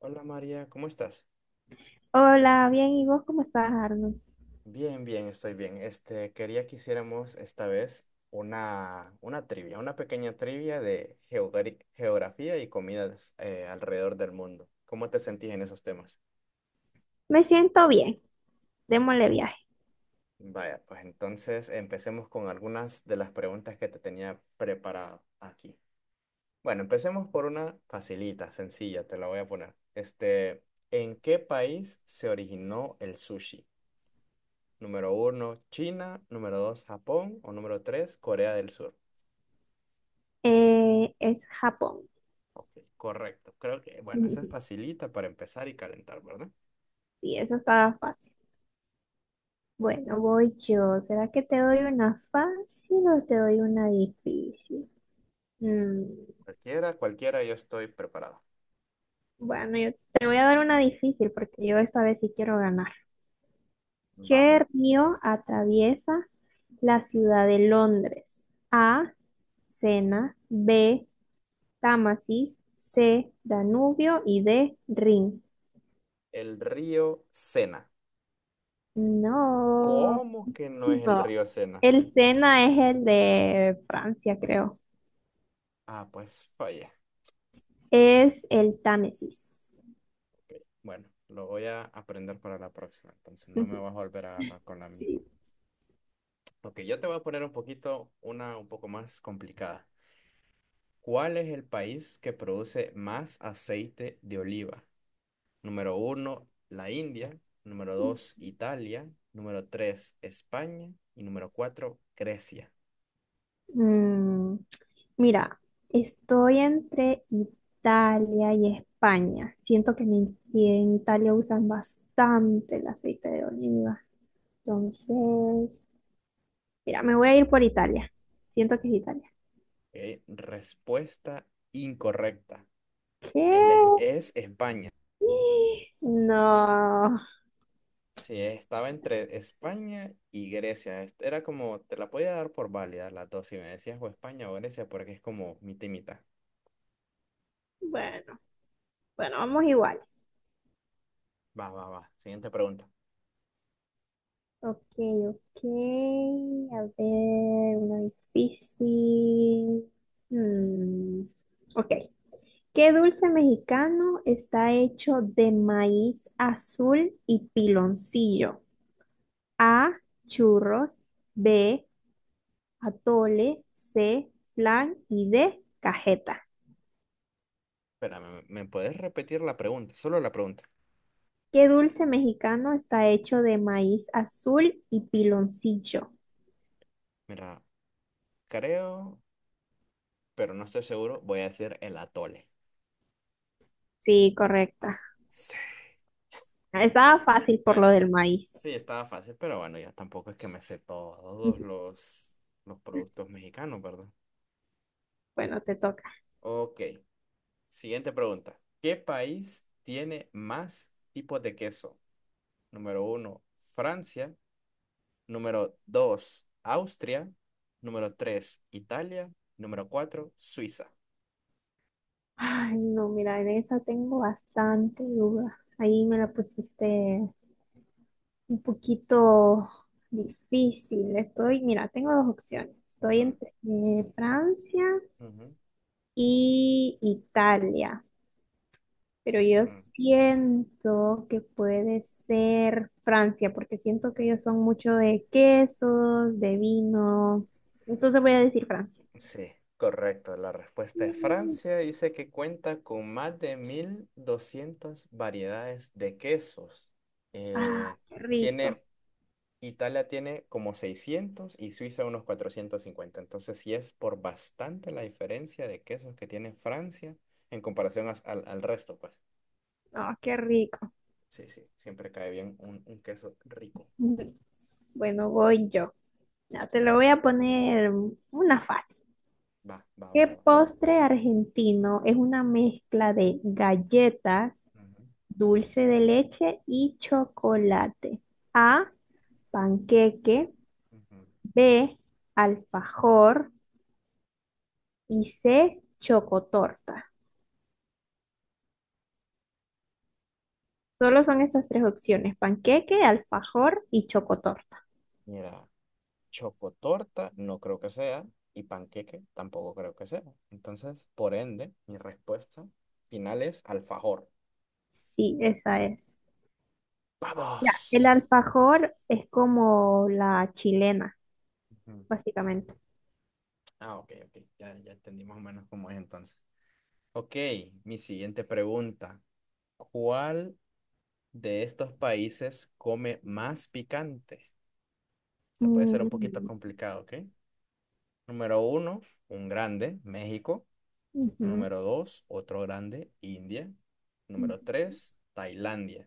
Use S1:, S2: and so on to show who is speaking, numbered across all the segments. S1: Hola María, ¿cómo estás?
S2: Hola, bien, ¿y vos cómo estás, Arnold?
S1: Bien, bien, estoy bien. Quería que hiciéramos esta vez una trivia, una pequeña trivia de geografía y comidas alrededor del mundo. ¿Cómo te sentís en esos temas?
S2: Me siento bien, démosle viaje.
S1: Vaya, pues entonces empecemos con algunas de las preguntas que te tenía preparado aquí. Bueno, empecemos por una facilita, sencilla, te la voy a poner. ¿En qué país se originó el sushi? Número uno, China. Número dos, Japón. O número tres, Corea del Sur.
S2: Es Japón.
S1: Ok, correcto. Creo que, bueno, eso es facilita para empezar y calentar, ¿verdad?
S2: Sí, eso estaba fácil. Bueno, voy yo. ¿Será que te doy una fácil o te doy una difícil? Mm,
S1: Cualquiera, cualquiera, yo estoy preparado.
S2: bueno, yo te voy a dar una difícil porque yo esta vez sí quiero ganar.
S1: Va.
S2: ¿Qué río atraviesa la ciudad de Londres? A, Sena, B, Támesis, C, Danubio y D, Rin.
S1: El río Sena.
S2: No,
S1: ¿Cómo que no es el
S2: no.
S1: río Sena?
S2: El Sena es el de Francia, creo.
S1: Ah, pues fallé.
S2: Es el Támesis.
S1: Bueno, lo voy a aprender para la próxima. Entonces no me vas a volver a agarrar con la misma.
S2: Sí.
S1: Ok, yo te voy a poner un poquito, una un poco más complicada. ¿Cuál es el país que produce más aceite de oliva? Número uno, la India. Número dos, Italia. Número tres, España. Y número cuatro, Grecia.
S2: Mm, mira, estoy entre Italia y España. Siento que en Italia usan bastante el aceite de oliva. Entonces, mira, me voy a ir por Italia. Siento que es Italia.
S1: Ok, respuesta incorrecta.
S2: ¿Qué?
S1: Es España.
S2: No.
S1: Sí, estaba entre España y Grecia. Era como, te la podía dar por válida las dos, si me decías o España o Grecia, porque es como mitad y mitad.
S2: Bueno, bueno, vamos igual.
S1: Va, va, va. Siguiente pregunta.
S2: Ok, ok. A ver, una difícil. Mm, Ok. ¿Qué dulce mexicano está hecho de maíz azul y piloncillo? A, churros, B, atole, C, flan y D, cajeta.
S1: Espérame, ¿me puedes repetir la pregunta? Solo la pregunta.
S2: ¿Qué dulce mexicano está hecho de maíz azul y piloncillo?
S1: Mira, creo, pero no estoy seguro, voy a decir el atole.
S2: Sí, correcta.
S1: Sí.
S2: Estaba fácil por lo
S1: Bueno,
S2: del maíz.
S1: sí, estaba fácil, pero bueno, ya tampoco es que me sé todos los productos mexicanos, ¿verdad?
S2: Bueno, te toca.
S1: Ok, siguiente pregunta. ¿Qué país tiene más tipos de queso? Número uno, Francia. Número dos, Austria. Número tres, Italia. Número cuatro, Suiza.
S2: Ay, no, mira, en esa tengo bastante duda. Ahí me la pusiste un poquito difícil. Estoy, mira, tengo dos opciones. Estoy
S1: Ujú,
S2: entre Francia
S1: ujú,
S2: y Italia, pero yo
S1: ujú.
S2: siento que puede ser Francia, porque siento que ellos son mucho de quesos, de vino. Entonces voy a decir Francia.
S1: Sí, correcto. La respuesta es
S2: Mm,
S1: Francia. Dice que cuenta con más de 1200 variedades de quesos. Eh,
S2: Ah, qué rico.
S1: tiene, Italia tiene como 600 y Suiza unos 450. Entonces sí es por bastante la diferencia de quesos que tiene Francia en comparación al resto, pues.
S2: No, qué rico.
S1: Sí, sí, siempre cae bien un queso rico.
S2: Bueno, voy yo. Ya, te lo voy a poner una fácil.
S1: Va, va,
S2: ¿Qué
S1: va, va.
S2: postre argentino es una mezcla de galletas,
S1: Ujú,
S2: dulce de leche y chocolate? A, panqueque,
S1: ujú.
S2: B, alfajor y C, chocotorta. Solo son esas tres opciones, panqueque, alfajor y chocotorta.
S1: Mira. Chocotorta no creo que sea y panqueque tampoco creo que sea. Entonces, por ende, mi respuesta final es alfajor.
S2: Sí, esa es. Ya, el
S1: ¡Vamos!
S2: alfajor es como la chilena,
S1: Ujú.
S2: básicamente.
S1: Ah, ok, ok. Ya, ya entendí más o menos cómo es entonces. Ok, mi siguiente pregunta. ¿Cuál de estos países come más picante? Esta puede ser un poquito
S2: Mm,
S1: complicado, ¿ok? Número uno, un grande, México.
S2: ujú.
S1: Número dos, otro grande, India. Número tres, Tailandia.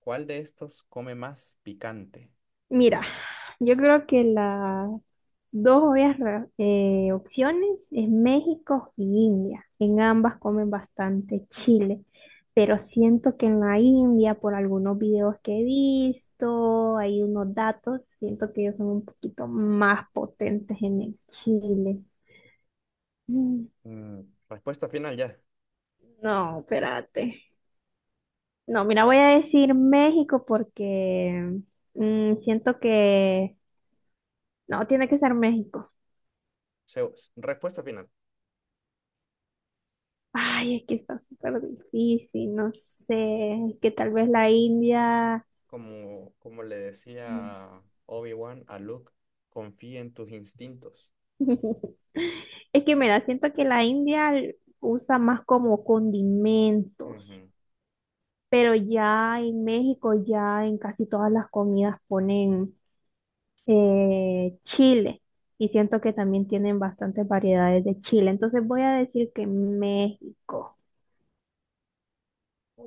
S1: ¿Cuál de estos come más picante?
S2: Mira, yo creo que las dos obvias opciones es México y India. En ambas comen bastante chile, pero siento que en la India, por algunos videos que he visto, hay unos datos, siento que ellos son un poquito más potentes en el chile. Mm,
S1: Mm, Respuesta final ya.
S2: No, espérate. No, mira, voy a decir México porque siento que... No, tiene que ser México.
S1: Respuesta final.
S2: Ay, es que está súper difícil, no sé, es que tal vez la India...
S1: Como le decía Obi-Wan a Luke, confía en tus instintos.
S2: Es que mira, siento que la India usa más como condimentos,
S1: Ujú.
S2: pero ya en México, ya en casi todas las comidas ponen chile y siento que también tienen bastantes variedades de chile. Entonces voy a decir que México.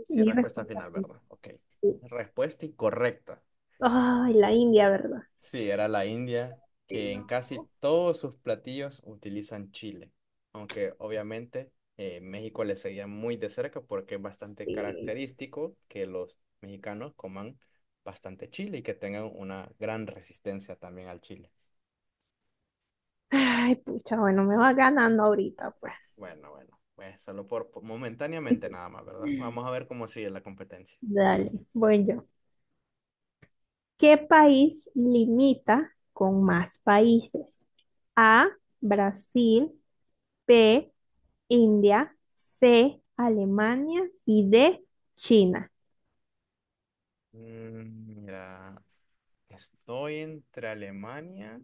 S1: Sí,
S2: Mi
S1: respuesta
S2: respuesta
S1: final,
S2: es
S1: ¿verdad? Ok.
S2: sí.
S1: Respuesta incorrecta.
S2: Ay, la India, ¿verdad?
S1: Sí, era la India,
S2: Sí,
S1: que en
S2: No.
S1: casi todos sus platillos utilizan chile, aunque obviamente México le seguía muy de cerca porque es bastante
S2: Sí.
S1: característico que los mexicanos coman bastante chile y que tengan una gran resistencia también al chile.
S2: Ay, pucha, bueno, me va ganando ahorita, pues.
S1: Bueno, bueno, pues solo por momentáneamente nada más, ¿verdad? Vamos a ver cómo sigue la competencia.
S2: Dale, voy yo. ¿Qué país limita con más países? A, Brasil, B, India, C, Alemania y D, China.
S1: Mira, estoy entre Alemania,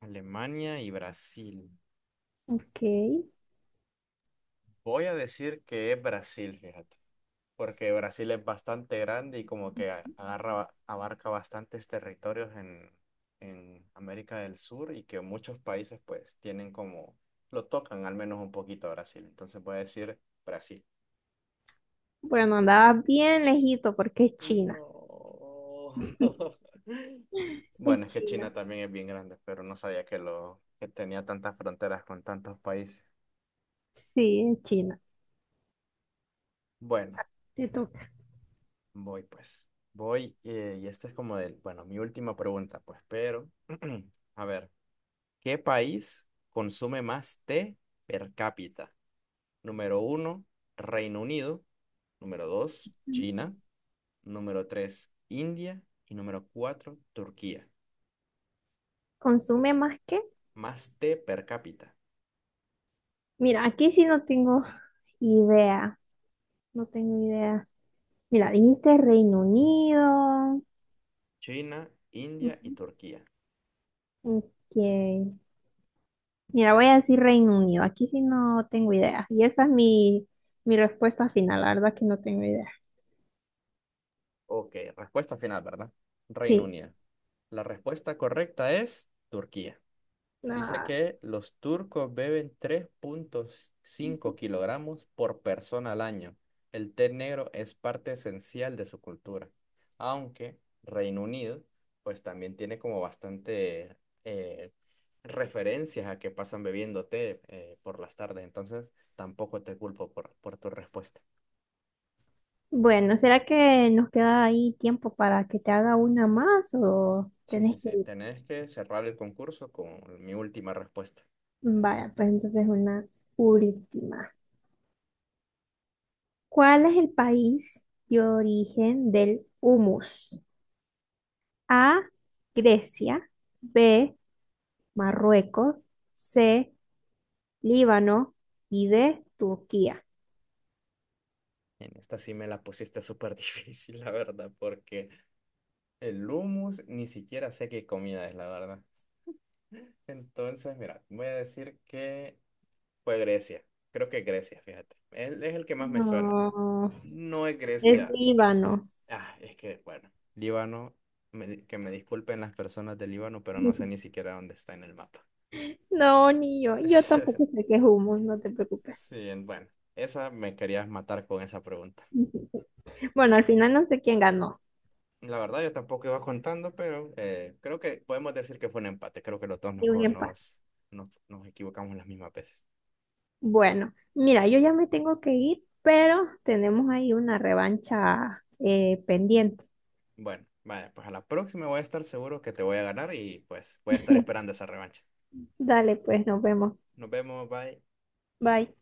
S1: Y Brasil.
S2: Ok.
S1: Voy a decir que es Brasil, fíjate, porque Brasil es bastante grande y como que agarra, abarca bastantes territorios en, América del Sur y que muchos países pues tienen como, lo tocan al menos un poquito a Brasil. Entonces voy a decir Brasil.
S2: Bueno, andaba bien lejito porque es China.
S1: No.
S2: Es
S1: Bueno, es que China
S2: China.
S1: también es bien grande, pero no sabía que tenía tantas fronteras con tantos países.
S2: Sí, es China.
S1: Bueno.
S2: Te toca.
S1: Voy pues, voy y esta es como el, bueno, mi última pregunta pues, pero a ver, ¿qué país consume más té per cápita? Número uno, Reino Unido. Número dos, China. Número tres, India. Y número cuatro, Turquía.
S2: ¿Consume más que?
S1: Más té per cápita.
S2: Mira, aquí sí no tengo idea. No tengo idea. Mira, dijiste Reino Unido.
S1: China, India y
S2: Ujú.
S1: Turquía.
S2: Ok. Mira, voy a decir Reino Unido. Aquí sí no tengo idea. Y esa es mi respuesta final. La verdad que no tengo idea.
S1: Ok, respuesta final, ¿verdad? Reino
S2: Sí.
S1: Unido. La respuesta correcta es Turquía. Dice
S2: Ah,
S1: que los turcos beben 3,5 kilogramos por persona al año. El té negro es parte esencial de su cultura, aunque Reino Unido pues también tiene como bastante eh, referencias a que pasan bebiendo té por las tardes, entonces tampoco te culpo por tu respuesta.
S2: bueno, ¿será que nos queda ahí tiempo para que te haga una más o
S1: Sí, sí,
S2: tenés que
S1: sí,
S2: ir?
S1: tenés que cerrar el concurso con mi última respuesta.
S2: Vaya, pues entonces una última. ¿Cuál es el país de origen del humus? A, Grecia. B, Marruecos. C, Líbano y de Turquía.
S1: En esta sí me la pusiste súper difícil, la verdad, porque el hummus, ni siquiera sé qué comida es, la verdad. Entonces, mira, voy a decir que fue Grecia. Creo que Grecia, fíjate. Él es el que más me suena.
S2: No,
S1: No es
S2: es
S1: Grecia.
S2: Líbano.
S1: Ah, es que, bueno, Líbano, que me disculpen las personas de Líbano, pero no sé ni siquiera dónde está en el mapa.
S2: No, ni yo. Yo tampoco sé qué es humus, no te preocupes.
S1: Sí, bueno, esa me querías matar con esa pregunta.
S2: Bueno, al final no sé quién ganó.
S1: La verdad, yo tampoco iba contando, pero creo que podemos decir que fue un empate. Creo que los dos nos,
S2: Y un
S1: co-
S2: empate.
S1: nos, nos, nos equivocamos las mismas veces.
S2: Bueno, mira, yo ya me tengo que ir, pero tenemos ahí una revancha pendiente.
S1: Bueno, vaya, pues a la próxima voy a estar seguro que te voy a ganar y pues voy a estar esperando esa revancha.
S2: Dale, pues nos vemos.
S1: Nos vemos, bye.
S2: Bye.